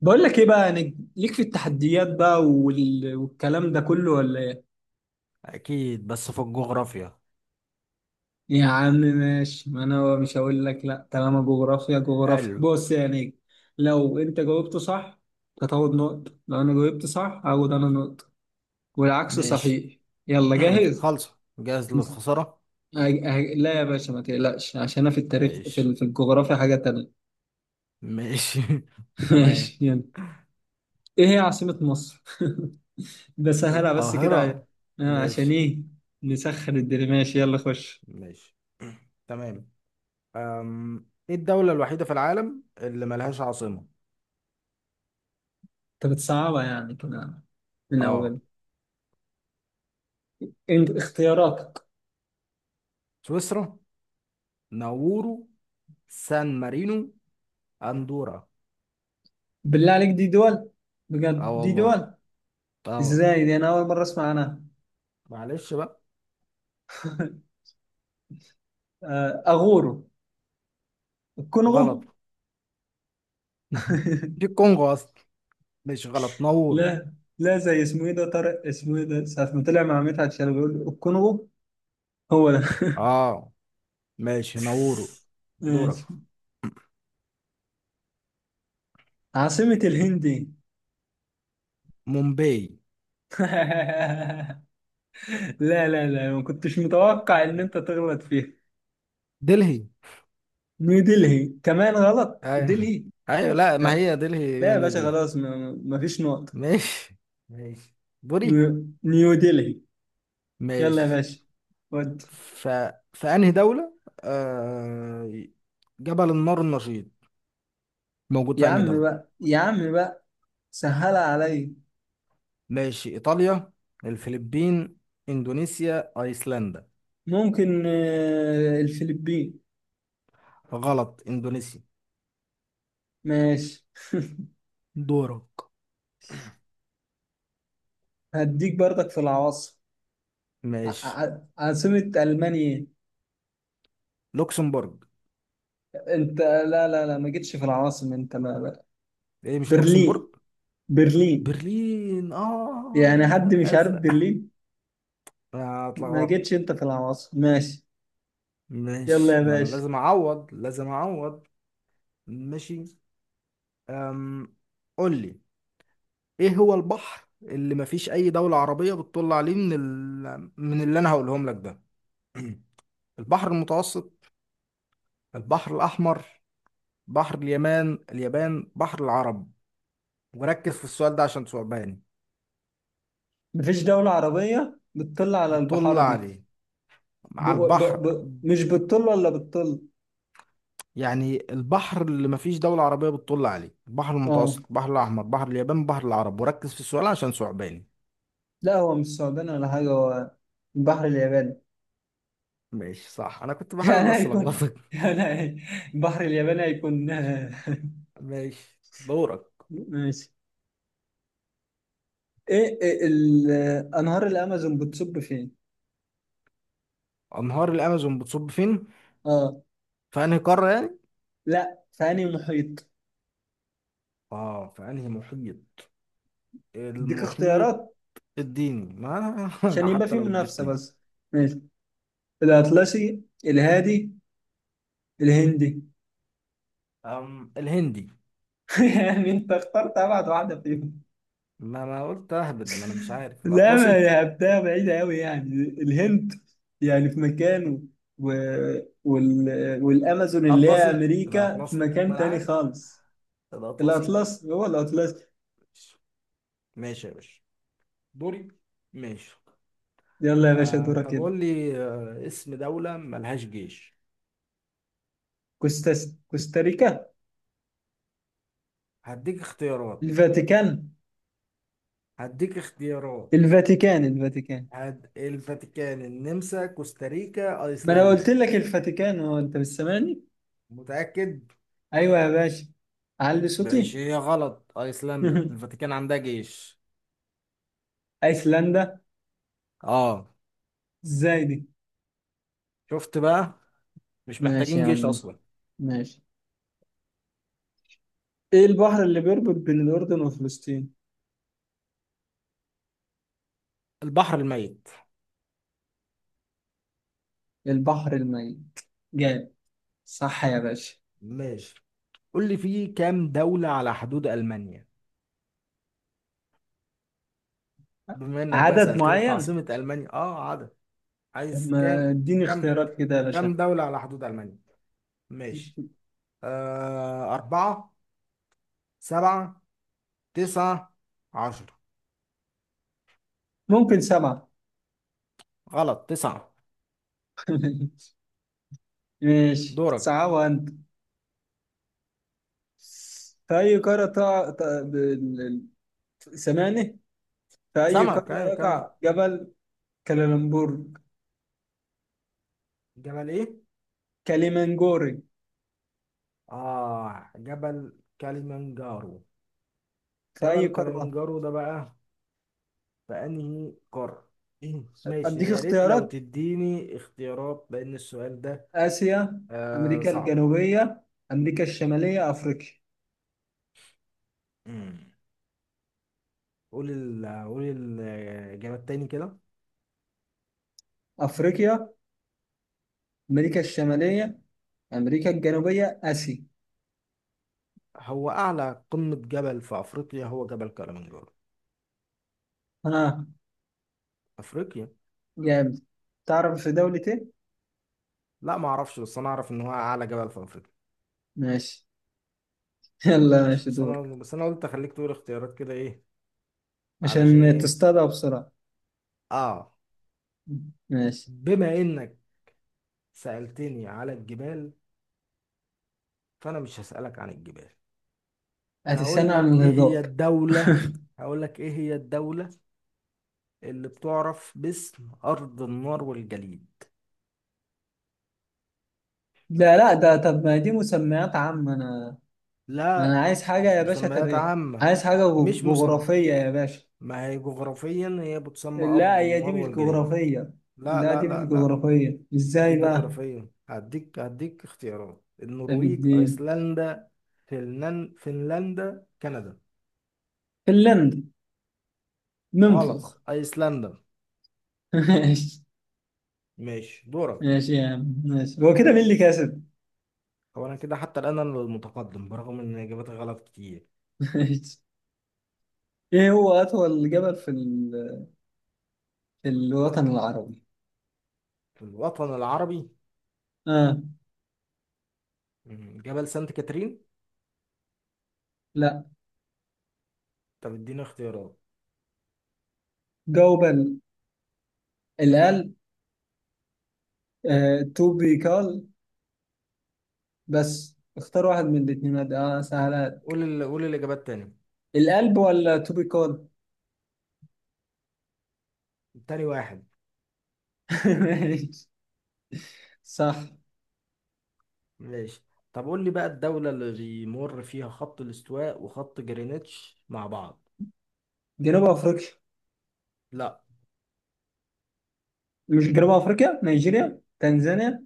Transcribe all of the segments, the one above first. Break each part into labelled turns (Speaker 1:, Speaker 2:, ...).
Speaker 1: بقول لك ايه بقى يعني ليك في التحديات بقى والكلام ده كله ولا ايه.
Speaker 2: اكيد، بس في الجغرافيا.
Speaker 1: يا عم ماشي، ما انا مش هقول لك لا. طالما جغرافيا
Speaker 2: حلو.
Speaker 1: بص يعني، لو انت جاوبت صح هتاخد نقطة، لو انا جاوبت صح هاخد انا نقطة والعكس
Speaker 2: ماشي.
Speaker 1: صحيح. يلا جاهز.
Speaker 2: خالصة جاهز
Speaker 1: أه-
Speaker 2: للخسارة.
Speaker 1: لا يا باشا ما تقلقش، عشان انا في التاريخ
Speaker 2: ماشي.
Speaker 1: في الجغرافيا حاجة تانية.
Speaker 2: ماشي. تمام.
Speaker 1: ماشي يلا. ايه هي عاصمة مصر؟ ده سهلة بس
Speaker 2: والقاهرة.
Speaker 1: كده. آه، عشان
Speaker 2: ماشي.
Speaker 1: ايه. نسخن الدنيا، ماشي يلا خش.
Speaker 2: ماشي. تمام. ايه الدولة الوحيدة في العالم اللي ملهاش عاصمة؟
Speaker 1: انت بتصعبها يعني كمان من
Speaker 2: اه.
Speaker 1: اول؟ انت اختياراتك.
Speaker 2: سويسرا، ناورو، سان مارينو، اندورا.
Speaker 1: بالله عليك دي دول؟
Speaker 2: اه
Speaker 1: بجد دي
Speaker 2: والله.
Speaker 1: دول؟
Speaker 2: اه.
Speaker 1: ازاي دي انا اول مره اسمع عنها.
Speaker 2: معلش بقى.
Speaker 1: آه، اغورو.
Speaker 2: غلط.
Speaker 1: الكونغو.
Speaker 2: دي الكونغو اصلا. مش غلط، ناورو.
Speaker 1: لا، لا زي اسمه ايه ده، طارق اسمه ايه ده، ساعة ما طلع مع مدحت شلبي بيقول له الكونغو. هو ده.
Speaker 2: اه. ماشي، نورو. دورك.
Speaker 1: ماشي. عاصمة الهند إيه؟
Speaker 2: مومباي.
Speaker 1: لا لا لا، ما كنتش متوقع ان انت تغلط فيها.
Speaker 2: دلهي.
Speaker 1: نيو دلهي، كمان غلط
Speaker 2: ايوه.
Speaker 1: دلهي.
Speaker 2: ايوه، لا، ما
Speaker 1: لا
Speaker 2: هي دلهي هي
Speaker 1: لا يا
Speaker 2: نيو
Speaker 1: باشا،
Speaker 2: دلهي.
Speaker 1: خلاص ما فيش نقط.
Speaker 2: ماشي. ماشي.
Speaker 1: نيو،
Speaker 2: بوري.
Speaker 1: نيو دلهي. يلا يا
Speaker 2: ماشي.
Speaker 1: باشا. ود.
Speaker 2: ف... في انهي دولة آه... جبل النار النشيط موجود
Speaker 1: يا
Speaker 2: في انهي
Speaker 1: عم
Speaker 2: دولة؟
Speaker 1: بقى، يا عم بقى سهلها عليا.
Speaker 2: ماشي. ايطاليا، الفلبين، اندونيسيا، ايسلندا.
Speaker 1: ممكن آه، الفلبين.
Speaker 2: غلط، اندونيسيا.
Speaker 1: ماشي.
Speaker 2: دورك.
Speaker 1: هديك برضك في العواصم. ع-
Speaker 2: ماشي.
Speaker 1: عاصمة ألمانيا.
Speaker 2: لوكسمبورج.
Speaker 1: إيه؟ انت لا لا لا، ما جيتش في العواصم انت
Speaker 2: ايه، مش
Speaker 1: برلين.
Speaker 2: لوكسمبورج؟
Speaker 1: برلين.
Speaker 2: برلين، اه
Speaker 1: يعني
Speaker 2: يا
Speaker 1: حد
Speaker 2: نهار
Speaker 1: مش عارف
Speaker 2: ازرق.
Speaker 1: برلين؟ ما
Speaker 2: اتلخبطت.
Speaker 1: جيتش انت في العواصم، ماشي. يلا يا
Speaker 2: مش، ما انا
Speaker 1: باشا.
Speaker 2: لازم اعوض لازم اعوض. ماشي. أم... قول لي، ايه هو البحر اللي مفيش اي دولة عربية بتطل عليه من اللي انا هقولهم لك ده؟ البحر المتوسط، البحر الاحمر، بحر اليمن اليابان، بحر العرب. وركز في السؤال ده عشان ثعباني.
Speaker 1: مفيش دولة عربية بتطل على
Speaker 2: بتطل
Speaker 1: البحار دي.
Speaker 2: عليه، على البحر.
Speaker 1: مش بالطل ولا بالطل.
Speaker 2: يعني البحر اللي مفيش دولة عربية بتطل عليه، البحر
Speaker 1: اه،
Speaker 2: المتوسط، البحر الأحمر، بحر اليابان، بحر العرب. وركز في السؤال عشان ثعباني.
Speaker 1: لا هو مش ثعبان ولا حاجة هو. البحر الياباني.
Speaker 2: ماشي، صح. انا كنت بحاول
Speaker 1: يعني
Speaker 2: بس
Speaker 1: هيكون،
Speaker 2: الخبطك.
Speaker 1: يعني هي- البحر الياباني هيكون.
Speaker 2: ماشي. دورك.
Speaker 1: ماشي. ايه انهار الامازون بتصب فين.
Speaker 2: انهار الامازون بتصب فين؟
Speaker 1: اه،
Speaker 2: في انهي قاره يعني؟
Speaker 1: لا، في انهي محيط.
Speaker 2: اه، في انهي محيط؟
Speaker 1: اديك
Speaker 2: المحيط
Speaker 1: اختيارات
Speaker 2: الديني. ما
Speaker 1: عشان
Speaker 2: أنا
Speaker 1: يبقى
Speaker 2: حتى
Speaker 1: في
Speaker 2: لو
Speaker 1: منافسة
Speaker 2: اديتني.
Speaker 1: بس. ماشي، الأطلسي، الهادي، الهندي.
Speaker 2: أم، الهندي.
Speaker 1: يعني انت اخترت ابعد واحدة فيهم.
Speaker 2: ما انا قلت اهبد، ما انا مش عارف.
Speaker 1: لا ما
Speaker 2: الاطلسي،
Speaker 1: لعبتها بعيدة أوي يعني. الهند يعني في مكان، و... والأمازون اللي هي
Speaker 2: الاطلسي،
Speaker 1: أمريكا في
Speaker 2: الاطلسي، ما
Speaker 1: مكان
Speaker 2: انا
Speaker 1: تاني
Speaker 2: عارف
Speaker 1: خالص.
Speaker 2: الاطلسي.
Speaker 1: الأطلس، هو الأطلس.
Speaker 2: ماشي يا باشا. دوري. ماشي.
Speaker 1: يلا يا باشا
Speaker 2: آه،
Speaker 1: دورك
Speaker 2: طب
Speaker 1: كده.
Speaker 2: قول لي، آه، اسم دولة ملهاش جيش.
Speaker 1: كوستاريكا.
Speaker 2: هديك اختيارات.
Speaker 1: الفاتيكان.
Speaker 2: هديك اختيارات.
Speaker 1: الفاتيكان. الفاتيكان.
Speaker 2: عاد الفاتيكان، النمسا، كوستاريكا،
Speaker 1: ما أنا قلت
Speaker 2: ايسلندا.
Speaker 1: لك الفاتيكان، هو أنت مش سامعني؟
Speaker 2: متأكد.
Speaker 1: أيوه يا باشا، علي
Speaker 2: ماشي،
Speaker 1: صوتي.
Speaker 2: هي غلط. ايسلندا؟ الفاتيكان عندها جيش.
Speaker 1: أيسلندا؟
Speaker 2: اه.
Speaker 1: إزاي دي؟
Speaker 2: شفت بقى، مش
Speaker 1: ماشي
Speaker 2: محتاجين
Speaker 1: يا
Speaker 2: جيش
Speaker 1: عم،
Speaker 2: اصلا.
Speaker 1: ماشي. إيه البحر اللي بيربط بين الأردن وفلسطين؟
Speaker 2: البحر الميت.
Speaker 1: البحر الميت. جامد، صح يا باشا.
Speaker 2: ماشي. قول لي، فيه كام دولة على حدود المانيا؟ بما انك بقى
Speaker 1: عدد
Speaker 2: سألتني في
Speaker 1: معين.
Speaker 2: عاصمة المانيا. اه، عدد.
Speaker 1: طب
Speaker 2: عايز كام؟
Speaker 1: ما اديني
Speaker 2: كام
Speaker 1: اختيارات كده يا
Speaker 2: كام
Speaker 1: باشا.
Speaker 2: دولة على حدود المانيا؟ ماشي. آه، أربعة، سبعة، تسعة، عشرة.
Speaker 1: ممكن سبعة.
Speaker 2: غلط، تسعة.
Speaker 1: ماشي،
Speaker 2: دورك.
Speaker 1: صعبة انت. في أي قارة تقع سامعني؟ في أي
Speaker 2: سمك،
Speaker 1: قارة
Speaker 2: ايوه، كمل.
Speaker 1: يقع جبل كلالمبور،
Speaker 2: جبل ايه؟
Speaker 1: كليمنجوري.
Speaker 2: اه، جبل كليمنجارو.
Speaker 1: في أي
Speaker 2: جبل
Speaker 1: قارة؟
Speaker 2: كليمنجارو ده بقى في انهي قارة؟ إيه؟ ماشي،
Speaker 1: أديك
Speaker 2: يا ريت لو
Speaker 1: اختيارات.
Speaker 2: تديني اختيارات لان السؤال ده
Speaker 1: آسيا،
Speaker 2: آه
Speaker 1: أمريكا
Speaker 2: صعب.
Speaker 1: الجنوبية، أمريكا الشمالية، أفريقيا.
Speaker 2: مم. قول ال، قول الجبل تاني كده.
Speaker 1: أفريقيا، أمريكا الشمالية، أمريكا الجنوبية، آسيا.
Speaker 2: هو اعلى قمة جبل في افريقيا هو جبل كليمنجارو.
Speaker 1: ها.
Speaker 2: افريقيا.
Speaker 1: جامد. تعرف في دولة ايه؟
Speaker 2: لا، ما اعرفش، بس انا اعرف ان هو اعلى جبل في افريقيا.
Speaker 1: ماشي. يلا
Speaker 2: ماشي.
Speaker 1: ماشي
Speaker 2: بس
Speaker 1: دور.
Speaker 2: انا بس انا قلت اخليك تقول اختيارات كده، ايه، علشان
Speaker 1: عشان
Speaker 2: ايه؟
Speaker 1: تصطادها بسرعة.
Speaker 2: اه.
Speaker 1: ماشي.
Speaker 2: بما انك سألتني على الجبال، فانا مش هسألك عن الجبال. انا
Speaker 1: هتستنى
Speaker 2: هقول
Speaker 1: عن
Speaker 2: لك ايه هي
Speaker 1: الهضاب.
Speaker 2: الدولة هقول لك ايه هي الدولة اللي بتعرف باسم ارض النار والجليد.
Speaker 1: لا لا ده، طب ما دي مسميات عامة. أنا،
Speaker 2: لا،
Speaker 1: أنا عايز حاجة
Speaker 2: مش
Speaker 1: يا باشا
Speaker 2: مسميات
Speaker 1: تاريخ.
Speaker 2: عامة،
Speaker 1: عايز حاجة
Speaker 2: مش مسمى.
Speaker 1: جغرافية يا باشا.
Speaker 2: ما هي جغرافيا، هي بتسمى
Speaker 1: لا
Speaker 2: ارض
Speaker 1: هي دي
Speaker 2: النار
Speaker 1: مش
Speaker 2: والجليد.
Speaker 1: جغرافية.
Speaker 2: لا
Speaker 1: لا
Speaker 2: لا
Speaker 1: دي مش
Speaker 2: لا لا.
Speaker 1: جغرافية
Speaker 2: دي
Speaker 1: ازاي بقى؟
Speaker 2: جغرافيا. هديك اختيارات:
Speaker 1: ده
Speaker 2: النرويج،
Speaker 1: الدين.
Speaker 2: ايسلندا، فنلندا، كندا.
Speaker 1: فنلندا.
Speaker 2: غلط،
Speaker 1: ننفخ.
Speaker 2: ايسلندا.
Speaker 1: ماشي.
Speaker 2: ماشي. دورك.
Speaker 1: ماشي يا عم ماشي، هو كده مين اللي كسب؟
Speaker 2: هو انا كده حتى الان انا المتقدم برغم ان اجاباتي غلط كتير.
Speaker 1: ماشي. ايه هو أطول جبل في الوطن العربي؟
Speaker 2: في الوطن العربي.
Speaker 1: آه.
Speaker 2: مم، جبل سانت كاترين.
Speaker 1: لا،
Speaker 2: طب اديني اختيارات.
Speaker 1: جاوب اللي قال آه، تو بي كول. بس اختار واحد من الاثنين، سهلات.
Speaker 2: قول الاجابات تاني.
Speaker 1: القلب ولا تو بي كول؟
Speaker 2: تاني واحد.
Speaker 1: ماشي. صح.
Speaker 2: ماشي. طب قول لي بقى، الدولة اللي بيمر فيها خط الاستواء وخط جرينتش مع بعض.
Speaker 1: جنوب افريقيا.
Speaker 2: لا.
Speaker 1: مش جنوب افريقيا، نيجيريا، تنزانيا،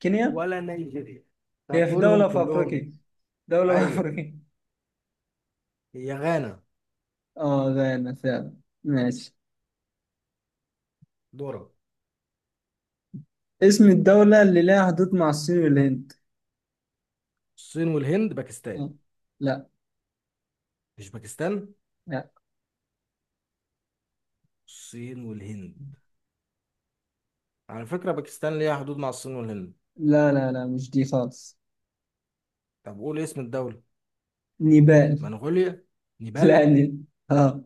Speaker 1: كينيا.
Speaker 2: ولا نيجيريا. أنت
Speaker 1: هي في
Speaker 2: هتقولهم
Speaker 1: دولة في
Speaker 2: كلهم.
Speaker 1: افريقيا، دولة في
Speaker 2: ايوه.
Speaker 1: افريقيا.
Speaker 2: هي غانا.
Speaker 1: اه غانا فعلا. ماشي.
Speaker 2: دورة.
Speaker 1: اسم الدولة اللي لها حدود مع الصين والهند.
Speaker 2: الصين والهند، باكستان.
Speaker 1: آه. لا
Speaker 2: مش باكستان؟
Speaker 1: لا
Speaker 2: الصين والهند. على فكرة، باكستان ليها حدود مع الصين والهند.
Speaker 1: لا لا مش دي خالص.
Speaker 2: طب قول اسم الدولة.
Speaker 1: نيبال.
Speaker 2: منغوليا،
Speaker 1: لا
Speaker 2: نيبال.
Speaker 1: دي، اه.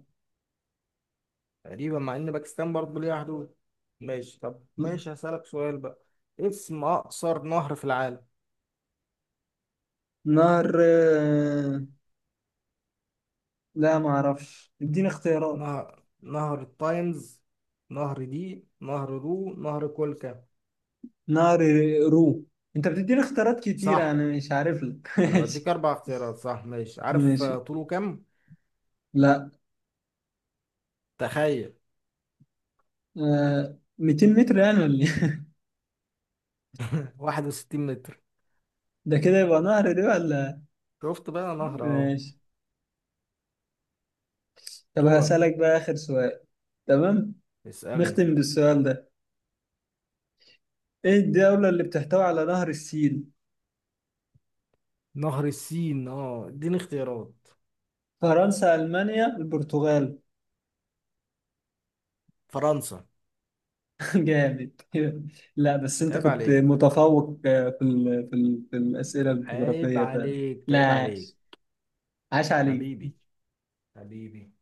Speaker 2: تقريبا، مع ان باكستان برضه ليها حدود. ماشي. طب ماشي، هسألك سؤال بقى. إيه اسم اقصر نهر في العالم؟
Speaker 1: نار آه، لا ما اعرفش، اديني اختيارات.
Speaker 2: نهر نهر التايمز، نهر دي، نهر دو، نهر كولكا.
Speaker 1: نار آه، رو. انت بتديني اختيارات كتير
Speaker 2: صح،
Speaker 1: انا مش عارف لك.
Speaker 2: انا بديك
Speaker 1: ماشي.
Speaker 2: اربع اختيارات. صح؟ ماشي. عارف
Speaker 1: ماشي.
Speaker 2: آه، طوله كام؟
Speaker 1: لا.
Speaker 2: تخيل،
Speaker 1: آه، 200 متر يعني ولا إيه؟
Speaker 2: 61 متر.
Speaker 1: ده كده يبقى نهر دي ولا.
Speaker 2: شفت بقى، نهر اهو.
Speaker 1: ماشي. طب
Speaker 2: دورك.
Speaker 1: هسألك بقى آخر سؤال. تمام.
Speaker 2: اسألني.
Speaker 1: نختم بالسؤال ده. ايه الدولة اللي بتحتوي على نهر السين؟
Speaker 2: نهر السين. اه، اديني اختيارات.
Speaker 1: فرنسا، ألمانيا، البرتغال.
Speaker 2: فرنسا.
Speaker 1: جامد. لا بس انت
Speaker 2: عيب
Speaker 1: كنت
Speaker 2: عليك،
Speaker 1: متفوق آه، في الاسئله
Speaker 2: عيب
Speaker 1: الجغرافيه فعلا.
Speaker 2: عليك،
Speaker 1: لا
Speaker 2: عيب
Speaker 1: عاش،
Speaker 2: عليك.
Speaker 1: عاش عليك.
Speaker 2: حبيبي، حبيبي.